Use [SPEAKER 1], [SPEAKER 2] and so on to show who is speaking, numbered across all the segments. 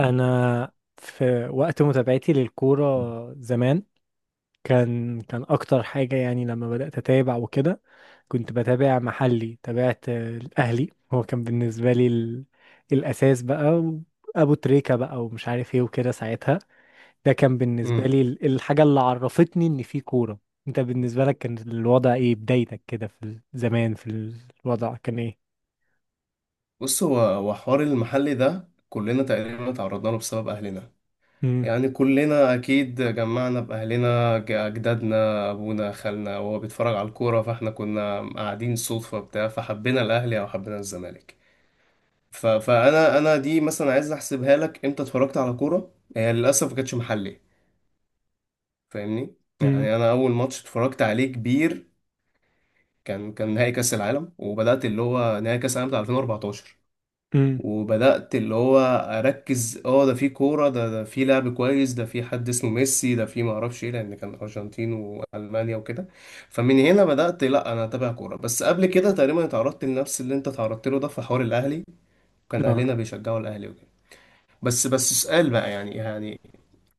[SPEAKER 1] انا في وقت متابعتي للكوره زمان كان اكتر حاجه، يعني لما بدات اتابع وكده كنت بتابع محلي. تابعت الاهلي، هو كان بالنسبه لي الاساس بقى. ابو تريكه بقى ومش عارف ايه وكده، ساعتها ده كان بالنسبه
[SPEAKER 2] مم.
[SPEAKER 1] لي الحاجه اللي عرفتني ان في كوره. انت بالنسبه لك كان الوضع ايه؟ بدايتك كده في زمان، في الوضع كان ايه؟
[SPEAKER 2] بص هو حوار المحل ده، كلنا تقريبا تعرضنا له بسبب اهلنا،
[SPEAKER 1] امم.
[SPEAKER 2] يعني كلنا اكيد جمعنا باهلنا، اجدادنا، ابونا، خالنا، وهو بيتفرج على الكوره، فاحنا كنا قاعدين صدفه بتاع، فحبينا الاهلي او حبينا الزمالك. فانا دي مثلا عايز احسبها لك، امتى اتفرجت على كوره؟ هي للاسف ما كانتش محلي، فاهمني.
[SPEAKER 1] امم.
[SPEAKER 2] يعني انا اول ماتش اتفرجت عليه كبير كان نهائي كاس العالم، وبدات اللي هو نهائي كاس العالم بتاع 2014،
[SPEAKER 1] امم.
[SPEAKER 2] وبدأت اللي هو أركز، ده في كورة، ده في لعب كويس، ده في حد اسمه ميسي، ده في معرفش ايه، لأن كان أرجنتين وألمانيا وكده. فمن هنا بدأت، لأ أنا أتابع كورة. بس قبل كده تقريبا اتعرضت لنفس اللي أنت اتعرضت له، ده في حوار الأهلي، وكان
[SPEAKER 1] آه.
[SPEAKER 2] أهلنا بيشجعوا الأهلي وكده. بس سؤال بقى، يعني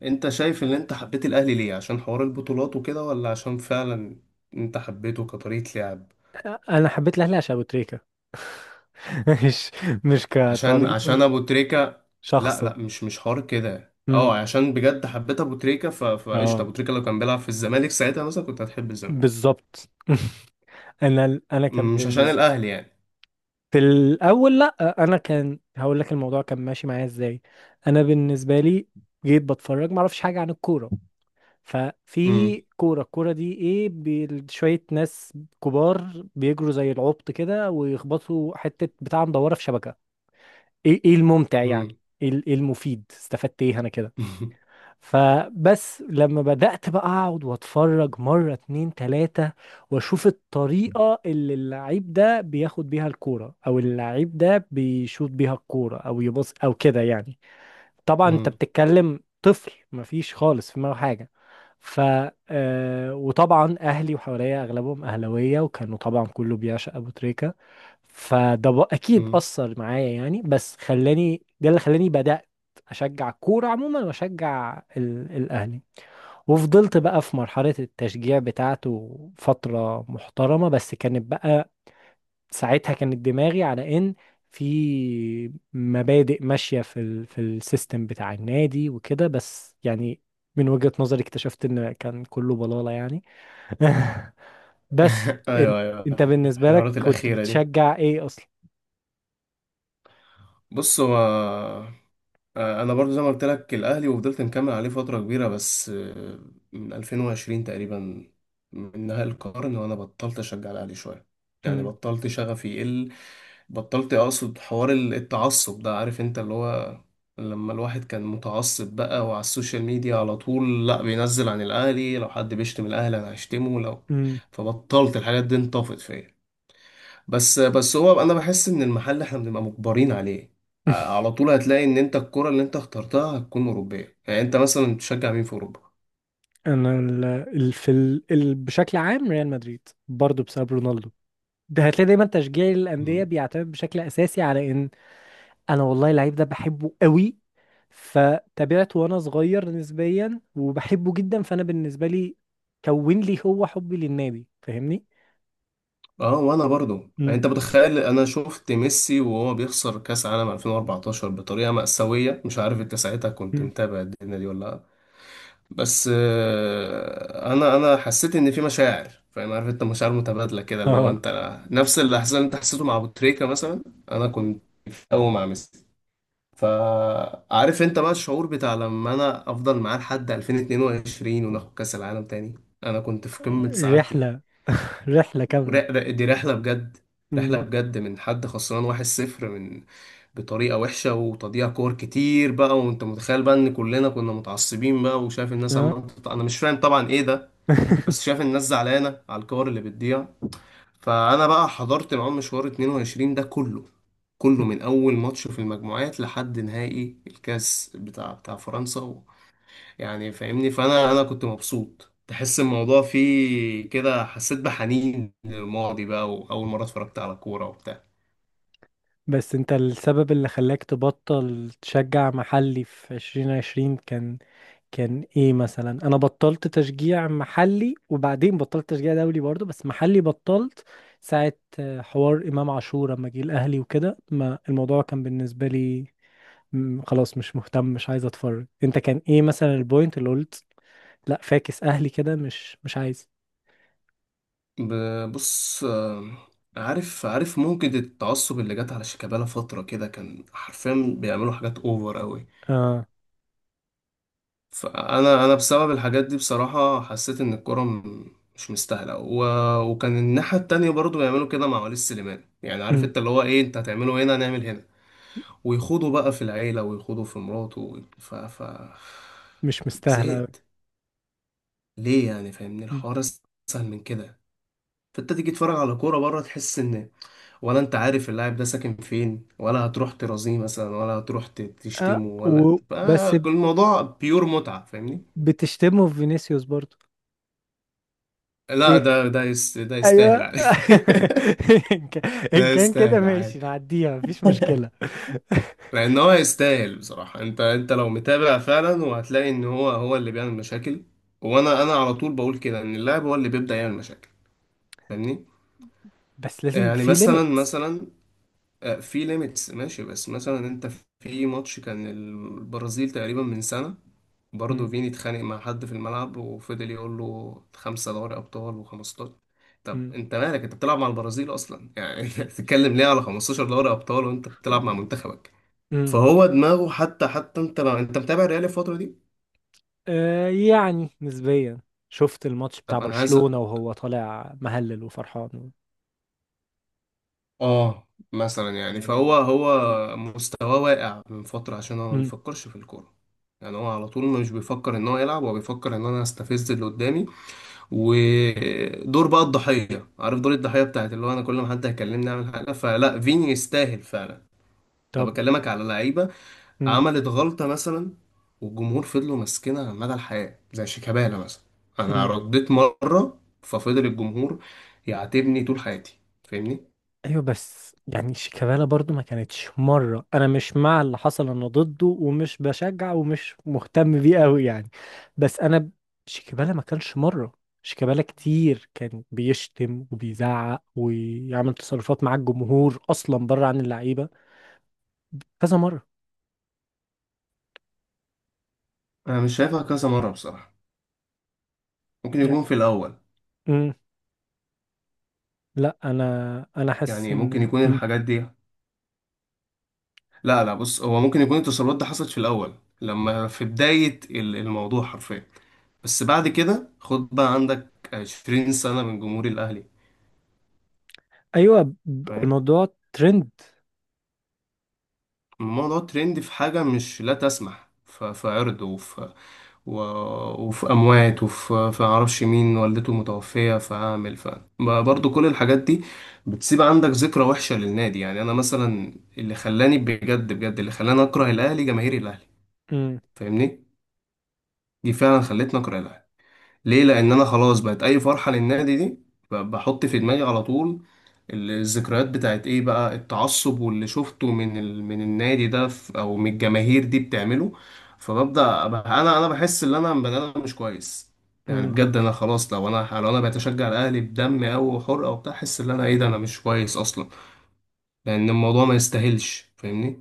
[SPEAKER 2] أنت شايف إن أنت حبيت الأهلي ليه؟ عشان حوار البطولات وكده، ولا عشان فعلا أنت حبيته كطريقة لعب؟
[SPEAKER 1] انا حبيت الاهلي عشان ابو تريكة. مش مش
[SPEAKER 2] عشان
[SPEAKER 1] كطريقة،
[SPEAKER 2] ابو تريكة. لا
[SPEAKER 1] شخصا.
[SPEAKER 2] لا، مش حوار كده،
[SPEAKER 1] امم.
[SPEAKER 2] عشان بجد حبيت ابو تريكة، فقشطة
[SPEAKER 1] اه.
[SPEAKER 2] ابو تريكة لو كان بيلعب في الزمالك ساعتها مثلا كنت هتحب الزمالك،
[SPEAKER 1] بالظبط. انا كان
[SPEAKER 2] مش عشان
[SPEAKER 1] بالنسبه
[SPEAKER 2] الاهلي يعني.
[SPEAKER 1] في الاول، لا، انا كان هقول لك الموضوع كان ماشي معايا ازاي. انا بالنسبه لي جيت بتفرج، ما اعرفش حاجه عن الكوره.
[SPEAKER 2] امم
[SPEAKER 1] ففي كوره، الكوره دي ايه؟ شويه ناس كبار بيجروا زي العبط كده ويخبطوا حته بتاع مدوره في شبكه. ايه الممتع يعني؟
[SPEAKER 2] امم
[SPEAKER 1] إيه المفيد؟ استفدت ايه انا كده؟ فبس لما بدأت بقى أقعد وأتفرج مرة، اتنين، تلاتة، وأشوف الطريقة اللي اللعيب ده بياخد بيها الكورة، أو اللعيب ده بيشوط بيها الكورة، أو يبص، أو كده يعني. طبعا انت
[SPEAKER 2] امم
[SPEAKER 1] بتتكلم طفل، مفيش خالص في دماغه حاجه. ف آه، وطبعا اهلي وحواليا اغلبهم اهلاويه، وكانوا طبعا كله بيعشق ابو تريكه. فده اكيد
[SPEAKER 2] امم
[SPEAKER 1] اثر معايا يعني، بس خلاني، ده اللي خلاني بدات اشجع الكوره عموما، واشجع الاهلي. وفضلت بقى في مرحله التشجيع بتاعته فتره محترمه، بس كانت بقى ساعتها كانت دماغي على ان في مبادئ ماشية في في السيستم بتاع النادي وكده، بس يعني من وجهة نظري اكتشفت ان كان كله بلالة يعني. بس انت
[SPEAKER 2] ايوه، ايوه،
[SPEAKER 1] انت بالنسبة لك
[SPEAKER 2] الحوارات
[SPEAKER 1] كنت
[SPEAKER 2] الاخيرة دي.
[SPEAKER 1] بتشجع ايه اصلا؟
[SPEAKER 2] بص هو، انا برضو زي ما قلت لك الاهلي، وفضلت مكمل عليه فترة كبيرة. بس من 2020 تقريبا، من نهاية القرن، وانا بطلت اشجع الاهلي شوية، يعني
[SPEAKER 1] امم.
[SPEAKER 2] بطلت، شغفي يقل، بطلت اقصد حوار التعصب ده. عارف انت اللي هو لما الواحد كان متعصب بقى، وعلى السوشيال ميديا على طول، لا بينزل عن الاهلي لو حد بيشتم الاهلي انا هشتمه لو.
[SPEAKER 1] امم.
[SPEAKER 2] فبطلت الحاجات دي، انطفت فيا. بس هو انا بحس ان المحل احنا بنبقى مجبرين عليه. على طول هتلاقي ان انت الكرة اللي انت اخترتها هتكون اوروبية، يعني انت مثلا بتشجع مين في اوروبا؟
[SPEAKER 1] انا ال ال في ال ال بشكل عام ريال مدريد، برضو بسبب رونالدو. ده هتلاقي دايما تشجيع الانديه بيعتمد بشكل اساسي على ان انا والله اللعيب ده بحبه قوي، فتابعته وانا صغير نسبيا، وبحبه جدا، فانا بالنسبه لي كون لي هو حبي للنادي، فاهمني؟
[SPEAKER 2] اه، وانا برضو،
[SPEAKER 1] مم.
[SPEAKER 2] انت متخيل انا شفت ميسي وهو بيخسر كاس عالم 2014 بطريقه مأساويه، مش عارف انت ساعتها كنت
[SPEAKER 1] مم.
[SPEAKER 2] متابع الدنيا دي ولا لا؟ بس انا حسيت ان في مشاعر، فاهم؟ عارف انت مشاعر متبادله كده، اللي هو
[SPEAKER 1] اه.
[SPEAKER 2] انت نفس الاحساس اللي انت حسيته مع ابو تريكه مثلا. انا
[SPEAKER 1] مم.
[SPEAKER 2] كنت قوي مع ميسي، فعارف انت بقى الشعور بتاع لما انا افضل معاه لحد 2022 وناخد كاس العالم تاني. انا كنت في قمه سعادتي.
[SPEAKER 1] رحله. رحله كامله.
[SPEAKER 2] دي رحلة بجد، رحلة
[SPEAKER 1] مم.
[SPEAKER 2] بجد، من حد خسران 1-0، من، بطريقة وحشة وتضييع كور كتير بقى، وانت متخيل بقى ان كلنا كنا متعصبين بقى وشايف الناس
[SPEAKER 1] اه.
[SPEAKER 2] عمالة انا مش فاهم طبعا ايه ده. بس شايف الناس زعلانة على الكور اللي بتضيع. فانا بقى حضرت معاهم مشوار 22 ده كله، كله من اول ماتش في المجموعات لحد نهائي الكاس بتاع فرنسا، يعني، فاهمني. فانا كنت مبسوط، تحس الموضوع فيه كده، حسيت بحنين للماضي بقى، واول مره اتفرجت على كوره وبتاع.
[SPEAKER 1] بس انت السبب اللي خلاك تبطل تشجع محلي في 2020، كان ايه مثلا؟ انا بطلت تشجيع محلي وبعدين بطلت تشجيع دولي برضو، بس محلي بطلت ساعة حوار امام عاشور لما جه الاهلي وكده. ما الموضوع كان بالنسبة لي خلاص، مش مهتم، مش عايز اتفرج. انت كان ايه مثلا البوينت اللي قلت لا، فاكس اهلي كده، مش عايز؟
[SPEAKER 2] بص، عارف ممكن التعصب اللي جت على شيكابالا فتره كده كان حرفيا بيعملوا حاجات اوفر قوي.
[SPEAKER 1] اه.
[SPEAKER 2] فانا بسبب الحاجات دي، بصراحه، حسيت ان الكوره مش مستاهله، وكان الناحيه التانية برضو بيعملوا كده مع وليد سليمان. يعني عارف
[SPEAKER 1] مم.
[SPEAKER 2] انت اللي هو ايه، انت هتعمله هنا هنعمل هنا، ويخوضوا بقى في العيلة، ويخوضوا في مراته،
[SPEAKER 1] مش مستاهلة أوي.
[SPEAKER 2] زهقت. ليه يعني؟ فاهمني،
[SPEAKER 1] مم.
[SPEAKER 2] الحوار اسهل من كده. فانت تيجي تتفرج على كورة بره، تحس ان، ولا انت عارف اللاعب ده ساكن فين، ولا هتروح ترازيه مثلا، ولا هتروح
[SPEAKER 1] اه
[SPEAKER 2] تشتمه، ولا بقى
[SPEAKER 1] وبس.
[SPEAKER 2] كل الموضوع بيور متعة، فاهمني.
[SPEAKER 1] بتشتمه في فينيسيوس برضو؟
[SPEAKER 2] لا، ده
[SPEAKER 1] ايوه.
[SPEAKER 2] يستاهل عادي.
[SPEAKER 1] ان كان إن
[SPEAKER 2] ده
[SPEAKER 1] كان كده
[SPEAKER 2] يستاهل
[SPEAKER 1] ماشي
[SPEAKER 2] عادي.
[SPEAKER 1] نعديها، مفيش مشكلة.
[SPEAKER 2] لان هو يستاهل بصراحه. انت لو متابع فعلا وهتلاقي ان هو هو اللي بيعمل مشاكل، وانا على طول بقول كده ان اللاعب هو اللي بيبدا يعمل مشاكل، فاهمني.
[SPEAKER 1] بس لازم يبقى
[SPEAKER 2] يعني
[SPEAKER 1] في
[SPEAKER 2] مثلا
[SPEAKER 1] ليميت.
[SPEAKER 2] مثلا في ليميتس ماشي، بس مثلا انت، في ماتش كان البرازيل تقريبا من سنه، برضه
[SPEAKER 1] مم.
[SPEAKER 2] فيني اتخانق مع حد في الملعب، وفضل يقول له خمسة دوري أبطال و15. طب
[SPEAKER 1] مم.
[SPEAKER 2] أنت مالك؟ أنت بتلعب مع البرازيل أصلا يعني. أنت بتتكلم ليه على 15 دوري أبطال وأنت بتلعب مع منتخبك؟
[SPEAKER 1] مم.
[SPEAKER 2] فهو دماغه، حتى انت لو انت متابع الريال الفترة دي.
[SPEAKER 1] آه، يعني نسبيا، شفت الماتش بتاع
[SPEAKER 2] طب انا عايز
[SPEAKER 1] برشلونة وهو طالع مهلل وفرحان
[SPEAKER 2] اه مثلا يعني، فهو
[SPEAKER 1] يعني مم.
[SPEAKER 2] هو مستواه واقع من فترة، عشان هو ما
[SPEAKER 1] مم.
[SPEAKER 2] بيفكرش في الكورة. يعني هو على طول مش بيفكر ان هو يلعب، هو بيفكر ان انا استفز اللي قدامي ودور بقى الضحية، عارف دور الضحية بتاعت اللي هو انا كل ما حد هيكلمني اعمل حاجة. فلا، فيني يستاهل فعلا. انا
[SPEAKER 1] طب.
[SPEAKER 2] بكلمك على لعيبة
[SPEAKER 1] مم.
[SPEAKER 2] عملت غلطة مثلا، والجمهور فضلوا ماسكينها مدى الحياة، زي شيكابالا مثلا، أنا
[SPEAKER 1] مم.
[SPEAKER 2] رديت مرة ففضل الجمهور يعاتبني طول حياتي، فاهمني؟
[SPEAKER 1] ايوه، بس يعني شيكابالا برضو ما كانتش مره، انا مش مع اللي حصل، انا ضده ومش بشجع ومش مهتم بيه قوي يعني. بس انا شيكابالا ما كانش مره. شيكابالا كتير كان بيشتم وبيزعق ويعمل تصرفات مع الجمهور اصلا، بره عن اللعيبه، كذا مره
[SPEAKER 2] أنا مش شايفها كذا مرة بصراحة. ممكن
[SPEAKER 1] يعني.
[SPEAKER 2] يكون في الأول،
[SPEAKER 1] مم، لا، انا حاسس
[SPEAKER 2] يعني
[SPEAKER 1] ان
[SPEAKER 2] ممكن يكون الحاجات دي، لا لا، بص هو ممكن يكون التصرفات دي حصلت في الأول، لما في بداية الموضوع حرفيا. بس بعد كده، خد بقى عندك 20 سنة من جمهور الأهلي،
[SPEAKER 1] ايوه،
[SPEAKER 2] فاهم؟
[SPEAKER 1] الموضوع ترند.
[SPEAKER 2] الموضوع ترند في حاجة مش، لا تسمح في عرض، و... وفي اموات، وفي معرفش مين والدته متوفيه، فاعمل برضه كل الحاجات دي بتسيب عندك ذكرى وحشه للنادي. يعني انا مثلا، اللي خلاني بجد بجد، اللي خلاني اكره الاهلي جماهير الاهلي، فاهمني، دي فعلا خلتني اكره الاهلي. ليه؟ لان انا خلاص، بقت اي فرحه للنادي دي بحط في دماغي على طول الذكريات بتاعت ايه بقى، التعصب واللي شفته من من النادي ده او من الجماهير دي بتعمله. فببدأ أبقى انا بحس ان انا بني ادم مش كويس، يعني بجد انا خلاص، لو انا بتشجع الاهلي بدم او وحرقه وبتاع، احس ان انا ايه ده، انا مش كويس اصلا، لان الموضوع ما يستاهلش، فاهمني.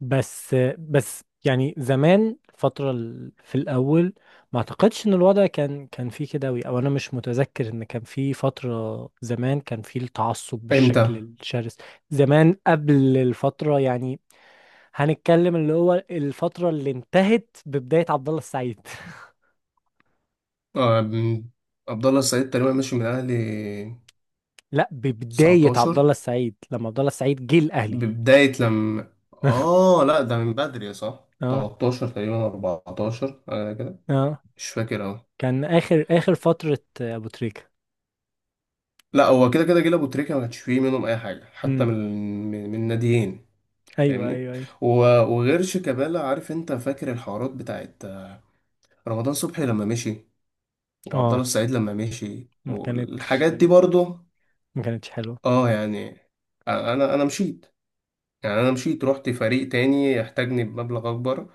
[SPEAKER 1] بس يعني زمان فترة في الأول، ما أعتقدش إن الوضع كان فيه كده أوي، أو أنا مش متذكر إن كان فيه فترة زمان كان فيه التعصب بالشكل
[SPEAKER 2] امتى؟
[SPEAKER 1] الشرس. زمان قبل الفترة يعني، هنتكلم اللي هو الفترة اللي انتهت ببداية عبد الله السعيد.
[SPEAKER 2] آه، م- عبد الله السعيد تقريبا ماشي من الاهلي
[SPEAKER 1] لا، ببداية عبد الله
[SPEAKER 2] 19.
[SPEAKER 1] السعيد لما عبد الله السعيد جه الأهلي.
[SPEAKER 2] ببداية لما، لا، ده من بدري، صح،
[SPEAKER 1] اه،
[SPEAKER 2] 13 تقريبا 14 حاجة،
[SPEAKER 1] اه،
[SPEAKER 2] مش فاكر، اه.
[SPEAKER 1] كان آخر آخر فترة أبو تريكة.
[SPEAKER 2] لا، هو كده كده جيل ابو تريكه، ما كانش فيه منهم اي حاجه، حتى
[SPEAKER 1] امم.
[SPEAKER 2] من من ناديين،
[SPEAKER 1] أيوه،
[SPEAKER 2] فاهمني.
[SPEAKER 1] أيوه، أيوه.
[SPEAKER 2] و- وغير شيكابالا، عارف انت، فاكر الحوارات بتاعت رمضان صبحي لما مشي، وعبد الله
[SPEAKER 1] اه،
[SPEAKER 2] السعيد لما مشي
[SPEAKER 1] كانت
[SPEAKER 2] والحاجات دي برضه،
[SPEAKER 1] ما كانتش حلوة.
[SPEAKER 2] اه يعني، انا مشيت. يعني انا مشيت، رحت فريق تاني يحتاجني بمبلغ اكبر،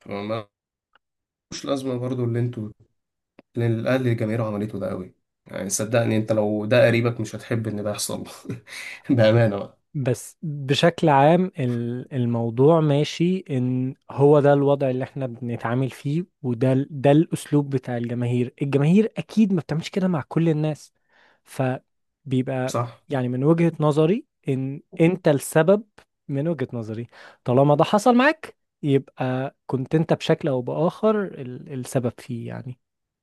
[SPEAKER 2] فما- ملوش لازمه برضه اللي الاهلي الجماهير عملته ده قوي. يعني صدقني، انت لو ده قريبك مش هتحب ان ده يحصل. بامانه بقى،
[SPEAKER 1] بس بشكل عام الموضوع ماشي ان هو ده الوضع اللي احنا بنتعامل فيه، وده ال- ده الاسلوب بتاع الجماهير. الجماهير اكيد ما بتعملش كده مع كل الناس، فبيبقى
[SPEAKER 2] صح.
[SPEAKER 1] يعني من وجهة نظري ان انت السبب. من وجهة نظري طالما ده حصل معاك، يبقى كنت انت بشكل او باخر السبب فيه يعني.